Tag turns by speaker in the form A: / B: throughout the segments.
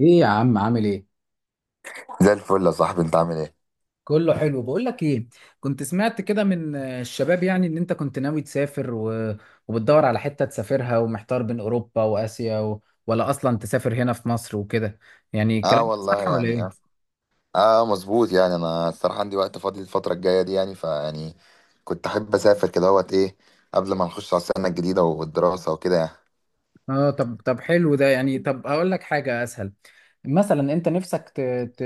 A: ايه يا عم عامل ايه؟
B: زي الفل يا صاحبي، انت عامل ايه؟
A: كله حلو. بقول لك ايه، كنت سمعت كده من الشباب يعني ان انت كنت ناوي تسافر وبتدور على حتة تسافرها ومحتار بين اوروبا واسيا ولا اصلا تسافر هنا في مصر وكده. يعني
B: اه
A: الكلام ده
B: والله
A: صح ولا
B: يعني. اه،
A: ايه؟
B: اه مظبوط يعني. انا الصراحه عندي وقت فاضي الفتره الجايه دي، يعني كنت احب اسافر كده اهوت ايه، قبل ما نخش على السنه الجديده والدراسه وكده يعني.
A: اه. طب حلو ده. يعني طب اقول لك حاجة اسهل. مثلا انت نفسك ت...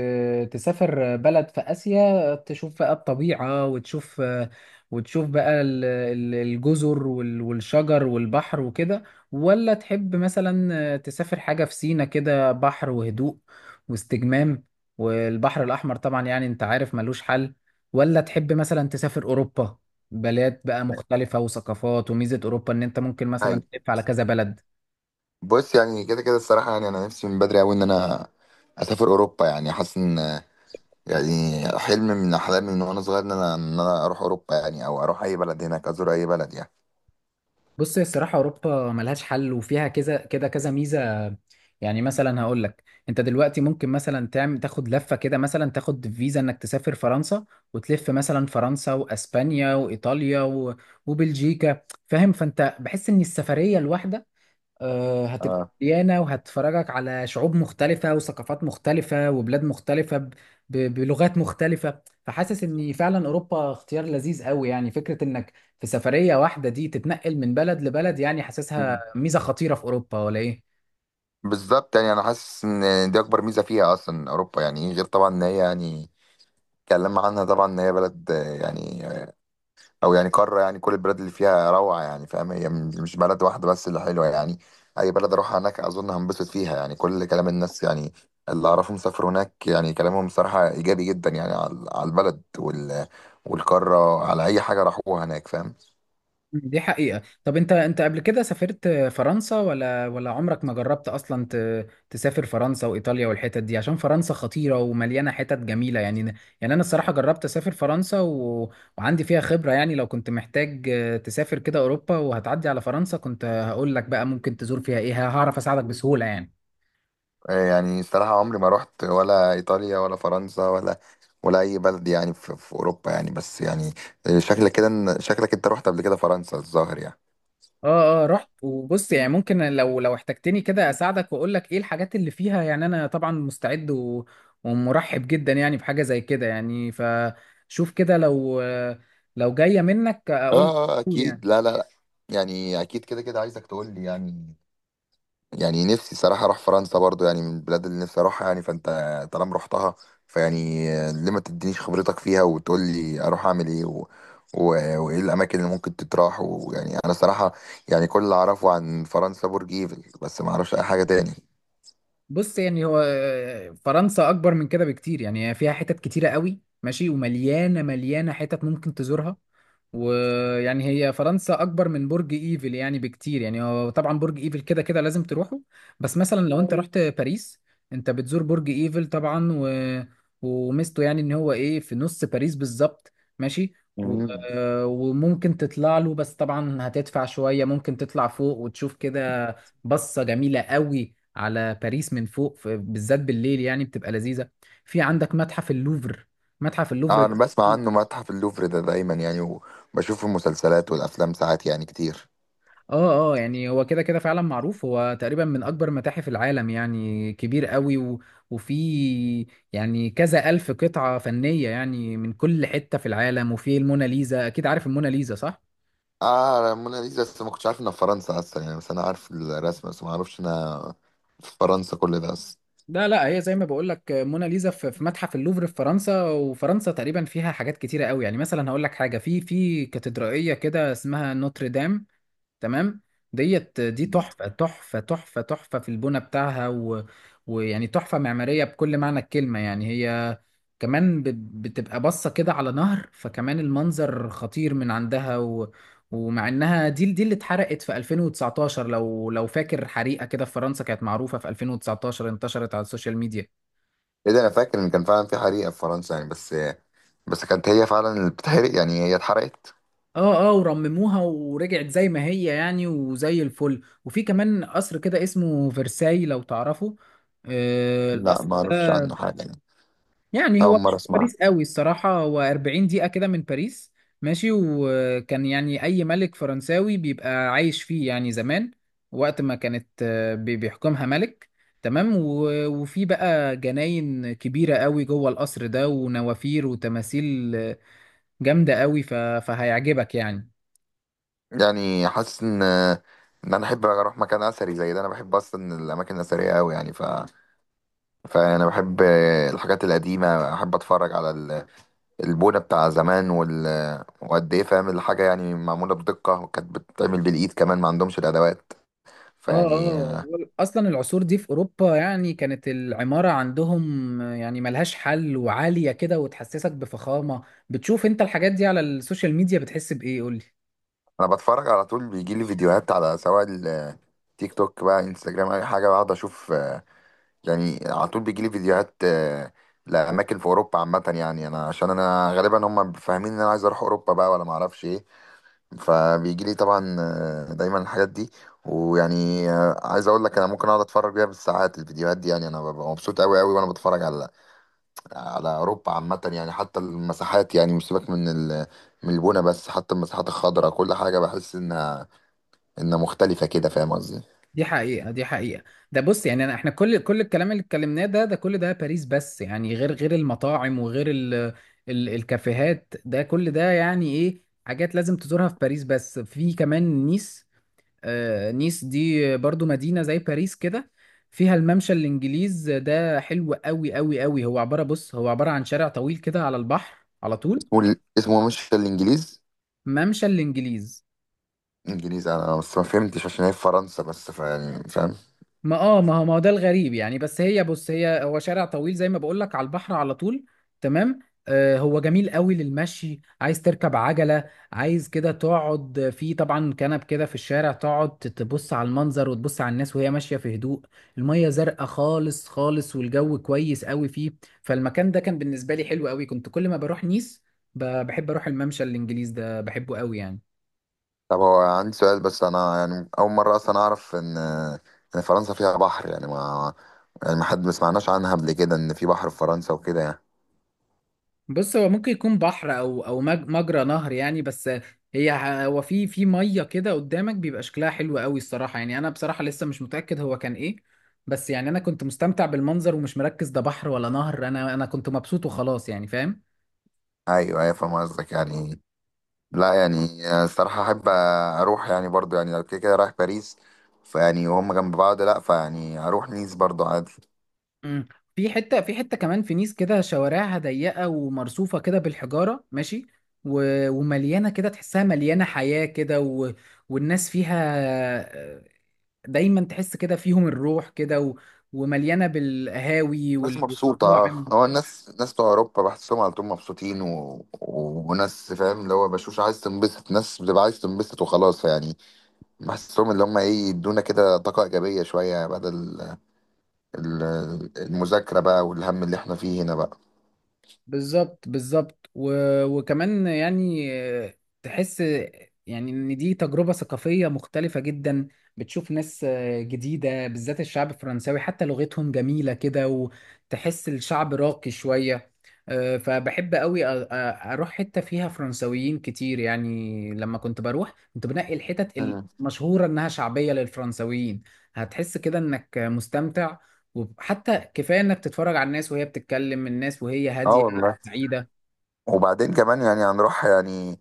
A: تسافر بلد في اسيا تشوف بقى الطبيعه وتشوف بقى الجزر والشجر والبحر وكده، ولا تحب مثلا تسافر حاجه في سينا، كده بحر وهدوء واستجمام، والبحر الاحمر طبعا يعني انت عارف ملوش حل، ولا تحب مثلا تسافر اوروبا بلاد بقى مختلفه وثقافات. وميزه اوروبا ان انت ممكن مثلا
B: هاي.
A: تلف على كذا بلد.
B: بص يعني، كده كده الصراحه يعني انا نفسي من بدري قوي ان انا اسافر اوروبا. يعني حاسس ان يعني حلم من احلامي من وانا صغير ان انا اروح اوروبا، يعني او اروح اي بلد هناك، ازور اي بلد يعني.
A: بص، هي الصراحة أوروبا ملهاش حل وفيها كذا كده كذا ميزة. يعني مثلا هقول لك، أنت دلوقتي ممكن مثلا تعمل تاخد لفة كده، مثلا تاخد فيزا إنك تسافر فرنسا وتلف مثلا فرنسا وأسبانيا وإيطاليا وبلجيكا. فاهم؟ فأنت بحس إن السفرية الواحدة هتبقى
B: اه
A: مليانة وهتفرجك على شعوب مختلفة وثقافات مختلفة وبلاد مختلفة بلغات مختلفة. فحاسس ان فعلا اوروبا اختيار لذيذ قوي. يعني فكرة انك في سفرية واحدة دي تتنقل من بلد لبلد، يعني حاسسها ميزة خطيرة في اوروبا ولا ايه؟
B: بالظبط، يعني انا حاسس ان دي اكبر ميزه فيها اصلا اوروبا. يعني غير طبعا ان هي يعني اتكلمنا عنها، طبعا ان هي بلد يعني او يعني قاره، يعني كل البلاد اللي فيها روعه يعني، فاهم؟ هي مش بلد واحده بس اللي حلوه يعني. اي بلد اروحها هناك اظن هنبسط فيها يعني. كل كلام الناس يعني اللي اعرفهم سافروا هناك يعني كلامهم صراحه ايجابي جدا يعني، على على البلد وال والقاره، على اي حاجه راحوها هناك، فاهم؟
A: دي حقيقة. طب انت، قبل كده سافرت فرنسا ولا عمرك ما جربت اصلا تسافر فرنسا وايطاليا والحتت دي؟ عشان فرنسا خطيرة ومليانة حتت جميلة يعني. يعني انا الصراحة جربت اسافر فرنسا وعندي فيها خبرة. يعني لو كنت محتاج تسافر كده اوروبا وهتعدي على فرنسا كنت هقول لك بقى ممكن تزور فيها ايه، هعرف اساعدك بسهولة يعني.
B: يعني الصراحه عمري ما رحت ولا ايطاليا ولا فرنسا ولا ولا اي بلد يعني في اوروبا يعني، بس يعني شكلك كده شكلك انت رحت قبل كده فرنسا الظاهر يعني.
A: اه اه رحت. وبص يعني، ممكن لو احتجتني كده اساعدك واقول لك ايه الحاجات اللي فيها. يعني انا طبعا مستعد ومرحب جدا يعني بحاجة زي كده. يعني فشوف كده، لو لو جاية منك اقول لك على
B: اه،
A: طول
B: اكيد.
A: يعني.
B: لا لا لا، يعني اكيد كده كده عايزك تقول لي يعني. يعني نفسي صراحة اروح فرنسا برضو، يعني من البلاد اللي نفسي اروحها يعني. فانت طالما رحتها فيعني، ليه ما تدينيش خبرتك فيها وتقول لي اروح اعمل ايه و... وايه الاماكن اللي ممكن تتراح. ويعني انا صراحة يعني كل اللي اعرفه عن فرنسا برج ايفل بس، ما اعرفش اي حاجة تاني.
A: بص يعني، هو فرنسا اكبر من كده بكتير. يعني هي فيها حتت كتيره قوي، ماشي، ومليانه حتت ممكن تزورها. ويعني هي فرنسا اكبر من برج ايفل يعني بكتير. يعني هو طبعا برج ايفل كده كده لازم تروحه. بس مثلا لو انت رحت باريس، انت بتزور برج ايفل طبعا، وميزته يعني ان هو ايه، في نص باريس بالظبط، ماشي. و...
B: مم.
A: وممكن تطلع له، بس طبعا هتدفع شويه، ممكن تطلع فوق وتشوف كده بصة جميلة قوي على باريس من فوق، بالذات بالليل يعني بتبقى لذيذة. في عندك متحف اللوفر. متحف اللوفر
B: اه،
A: ده،
B: انا بسمع عنه متحف اللوفر ده دايما يعني، وبشوف المسلسلات والافلام ساعات يعني كتير.
A: اه اه، يعني هو كده كده فعلا معروف، هو تقريبا من اكبر متاحف العالم، يعني كبير قوي وفي يعني كذا الف قطعة فنية يعني من كل حتة في العالم. وفي الموناليزا، اكيد عارف الموناليزا صح؟
B: اه موناليزا، بس ما كنتش عارف انها في فرنسا اصلا يعني. بس انا عارف الرسمه بس، ما اعرفش انها في فرنسا كل ده اصلا.
A: لا لا، هي زي ما بقول لك، موناليزا في متحف اللوفر في فرنسا. وفرنسا تقريبا فيها حاجات كتيره قوي. يعني مثلا هقول لك حاجه، في كاتدرائيه كده اسمها نوتردام، تمام؟ ديت دي تحفة تحفة تحفة تحفة في البنى بتاعها ويعني تحفة معمارية بكل معنى الكلمة. يعني هي كمان بتبقى باصة كده على نهر، فكمان المنظر خطير من عندها. ومع انها دي اللي اتحرقت في 2019، لو فاكر حريقة كده في فرنسا، كانت معروفة في 2019، انتشرت على السوشيال ميديا.
B: ايه ده! انا فاكر ان كان فعلا في حريقه في فرنسا يعني، بس بس كانت هي فعلا اللي بتحرق يعني؟ هي اتحرقت؟
A: اه اه، ورمموها ورجعت زي ما هي يعني وزي الفل. وفي كمان قصر كده اسمه فرساي، لو تعرفه؟ آه،
B: لا
A: القصر
B: ما اعرفش عنه
A: ده
B: حاجه يعني.
A: يعني هو
B: اول
A: مش
B: مره
A: في
B: اسمعها.
A: باريس قوي الصراحة، هو 40 دقيقة كده من باريس، ماشي. وكان يعني أي ملك فرنساوي بيبقى عايش فيه يعني زمان، وقت ما كانت بيحكمها ملك. تمام؟ وفي بقى جناين كبيرة قوي جوه القصر ده، ونوافير وتماثيل جامدة قوي، فهيعجبك يعني.
B: يعني حاسس ان ان انا احب اروح مكان اثري زي ده. انا بحب اصلا الاماكن الاثريه قوي يعني، ف فانا بحب الحاجات القديمه، احب اتفرج على البونة بتاع زمان وقد ايه فاهم الحاجة يعني معمولة بدقة، وكانت بتتعمل بالإيد كمان، ما عندهمش الأدوات.
A: اه
B: فيعني
A: اه، اصلا العصور دي في اوروبا يعني كانت العماره عندهم يعني ملهاش حل، وعاليه كده وتحسسك بفخامه. بتشوف انت الحاجات دي على السوشيال ميديا بتحس بايه، قول لي؟
B: أنا بتفرج على طول، بيجي لي فيديوهات على سواء التيك توك بقى انستجرام، أي حاجة بقعد أشوف. يعني على طول بيجي لي فيديوهات لأماكن في أوروبا عامة يعني. أنا عشان أنا غالبا هم فاهمين إن أنا عايز أروح أوروبا بقى ولا معرفش إيه، فبيجي لي طبعا دايما الحاجات دي. ويعني عايز أقول لك أنا ممكن أقعد أتفرج بيها بالساعات الفيديوهات دي يعني. أنا ببقى مبسوط أوي أوي وأنا بتفرج على على اوروبا عامه يعني. حتى المساحات يعني، مش سيبك من من البنا بس، حتى المساحات الخضراء كل حاجه بحس انها انها مختلفه كده، فاهم قصدي؟
A: دي حقيقه، دي حقيقه. ده بص يعني، احنا كل الكلام اللي اتكلمناه ده، ده كل ده باريس بس يعني، غير المطاعم وغير ال الكافيهات. ده كل ده يعني ايه، حاجات لازم تزورها في باريس. بس في كمان نيس. نيس دي برضو مدينة زي باريس كده، فيها الممشى الإنجليز، ده حلو قوي قوي قوي. هو عبارة، بص، هو عبارة عن شارع طويل كده على البحر على طول.
B: اسمه اسمه مش الانجليز؟
A: ممشى الإنجليز،
B: انجليزي انا بس ما فهمتش عشان هي في فرنسا، بس فيعني فاهم.
A: ما هو ده الغريب يعني. بس هي بص، هي هو شارع طويل زي ما بقول لك على البحر على طول، تمام؟ آه، هو جميل قوي للمشي، عايز تركب عجلة، عايز كده تقعد في طبعا كنب كده في الشارع، تقعد تبص على المنظر وتبص على الناس وهي ماشية في هدوء. المية زرقاء خالص خالص، والجو كويس قوي فيه. فالمكان ده كان بالنسبة لي حلو قوي، كنت كل ما بروح نيس بحب اروح الممشى الانجليز ده، بحبه قوي يعني.
B: طب هو عندي سؤال بس، انا يعني اول مره اصلا اعرف ان ان فرنسا فيها بحر يعني. ما يعني ما حد ما سمعناش عنها قبل كده ان في بحر في فرنسا وكده يعني.
A: بص، هو ممكن يكون بحر او مجرى نهر يعني. بس هي هو في ميه كده قدامك بيبقى شكلها حلو قوي الصراحه. يعني انا بصراحه لسه مش متاكد هو كان ايه، بس يعني انا كنت مستمتع بالمنظر ومش مركز ده بحر ولا نهر. انا كنت مبسوط وخلاص يعني، فاهم؟
B: ايوه ايوه فاهم قصدك يعني. لا يعني الصراحة أحب أروح يعني برضو، يعني لو كده كده رايح باريس فيعني وهم جنب بعض، لا فيعني أروح نيس برضو عادي.
A: مم. في حته، في حته كمان في نيس كده شوارعها ضيقه ومرصوفه كده بالحجاره، ماشي، ومليانه كده، تحسها مليانه حياه كده والناس فيها دايما تحس كده فيهم الروح كده ومليانه بالقهاوي
B: الناس مبسوطة.
A: والمطاعم.
B: هو الناس ناس بتوع أوروبا بحسهم على طول مبسوطين، وناس فاهم اللي هو بشوش، عايز تنبسط، ناس بتبقى عايز تنبسط وخلاص يعني. بحسهم اللي هم إيه يدونا كده طاقة إيجابية شوية، يعني بدل المذاكرة بقى والهم اللي إحنا فيه هنا بقى.
A: بالظبط، بالظبط. وكمان يعني تحس يعني ان دي تجربة ثقافية مختلفة جدا، بتشوف ناس جديدة. بالذات الشعب الفرنساوي، حتى لغتهم جميلة كده وتحس الشعب راقي شوية. فبحب قوي اروح حتة فيها فرنساويين كتير. يعني لما كنت بروح كنت بنقي الحتت
B: مم.
A: المشهورة انها شعبية للفرنساويين، هتحس كده انك مستمتع. وحتى كفايه انك تتفرج على الناس وهي بتتكلم، الناس وهي
B: اه
A: هاديه
B: والله.
A: بعيدة.
B: وبعدين كمان يعني هنروح يعني،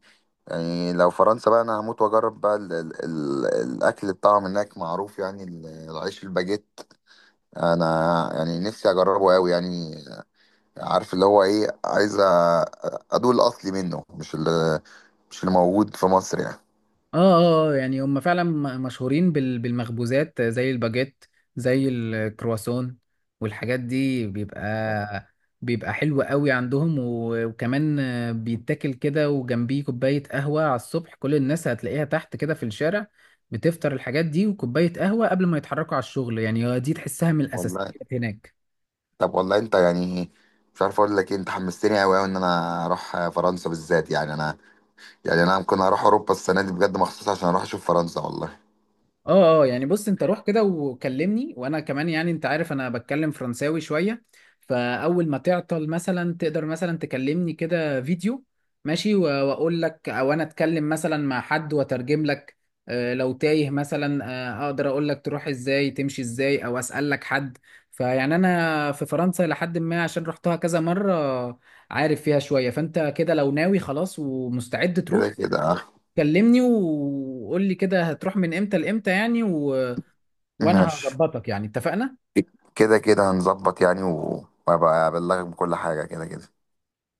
B: يعني لو فرنسا بقى انا هموت واجرب بقى ال الاكل بتاعهم هناك معروف يعني، العيش الباجيت. انا يعني نفسي اجربه قوي يعني. عارف اللي هو ايه، ادوق الاصلي منه، مش اللي مش اللي موجود في مصر يعني.
A: اه اه، يعني هم فعلا مشهورين بالمخبوزات زي الباجيت، زي الكرواسون والحاجات دي، بيبقى حلو قوي عندهم. وكمان بيتاكل كده وجنبيه كوباية قهوة على الصبح، كل الناس هتلاقيها تحت كده في الشارع بتفطر الحاجات دي وكوباية قهوة قبل ما يتحركوا على الشغل. يعني دي تحسها من الأساسيات
B: والله
A: هناك.
B: طب والله انت يعني مش عارف اقول لك ايه، انت حمستني قوي قوي ان انا اروح فرنسا بالذات يعني. انا يعني انا ممكن اروح اوروبا السنه دي بجد، مخصوص عشان اروح اشوف فرنسا والله.
A: اه اه، يعني بص انت روح كده وكلمني، وانا كمان يعني انت عارف انا بتكلم فرنساوي شوية. فاول ما تعطل مثلا تقدر مثلا تكلمني كده فيديو، ماشي، واقول لك، او انا اتكلم مثلا مع حد واترجم لك. لو تايه مثلا، اقدر اقول لك تروح ازاي، تمشي ازاي، او اسال لك حد. فيعني انا في فرنسا لحد ما، عشان رحتها كذا مرة، عارف فيها شوية. فانت كده لو ناوي خلاص ومستعد
B: كده
A: تروح
B: كده آه.
A: كلمني وقول لي كده هتروح من امتى لامتى يعني، وانا
B: ماشي.
A: هظبطك يعني، اتفقنا؟
B: كده كده هنظبط يعني، وابقى ابلغك بكل حاجة كده كده.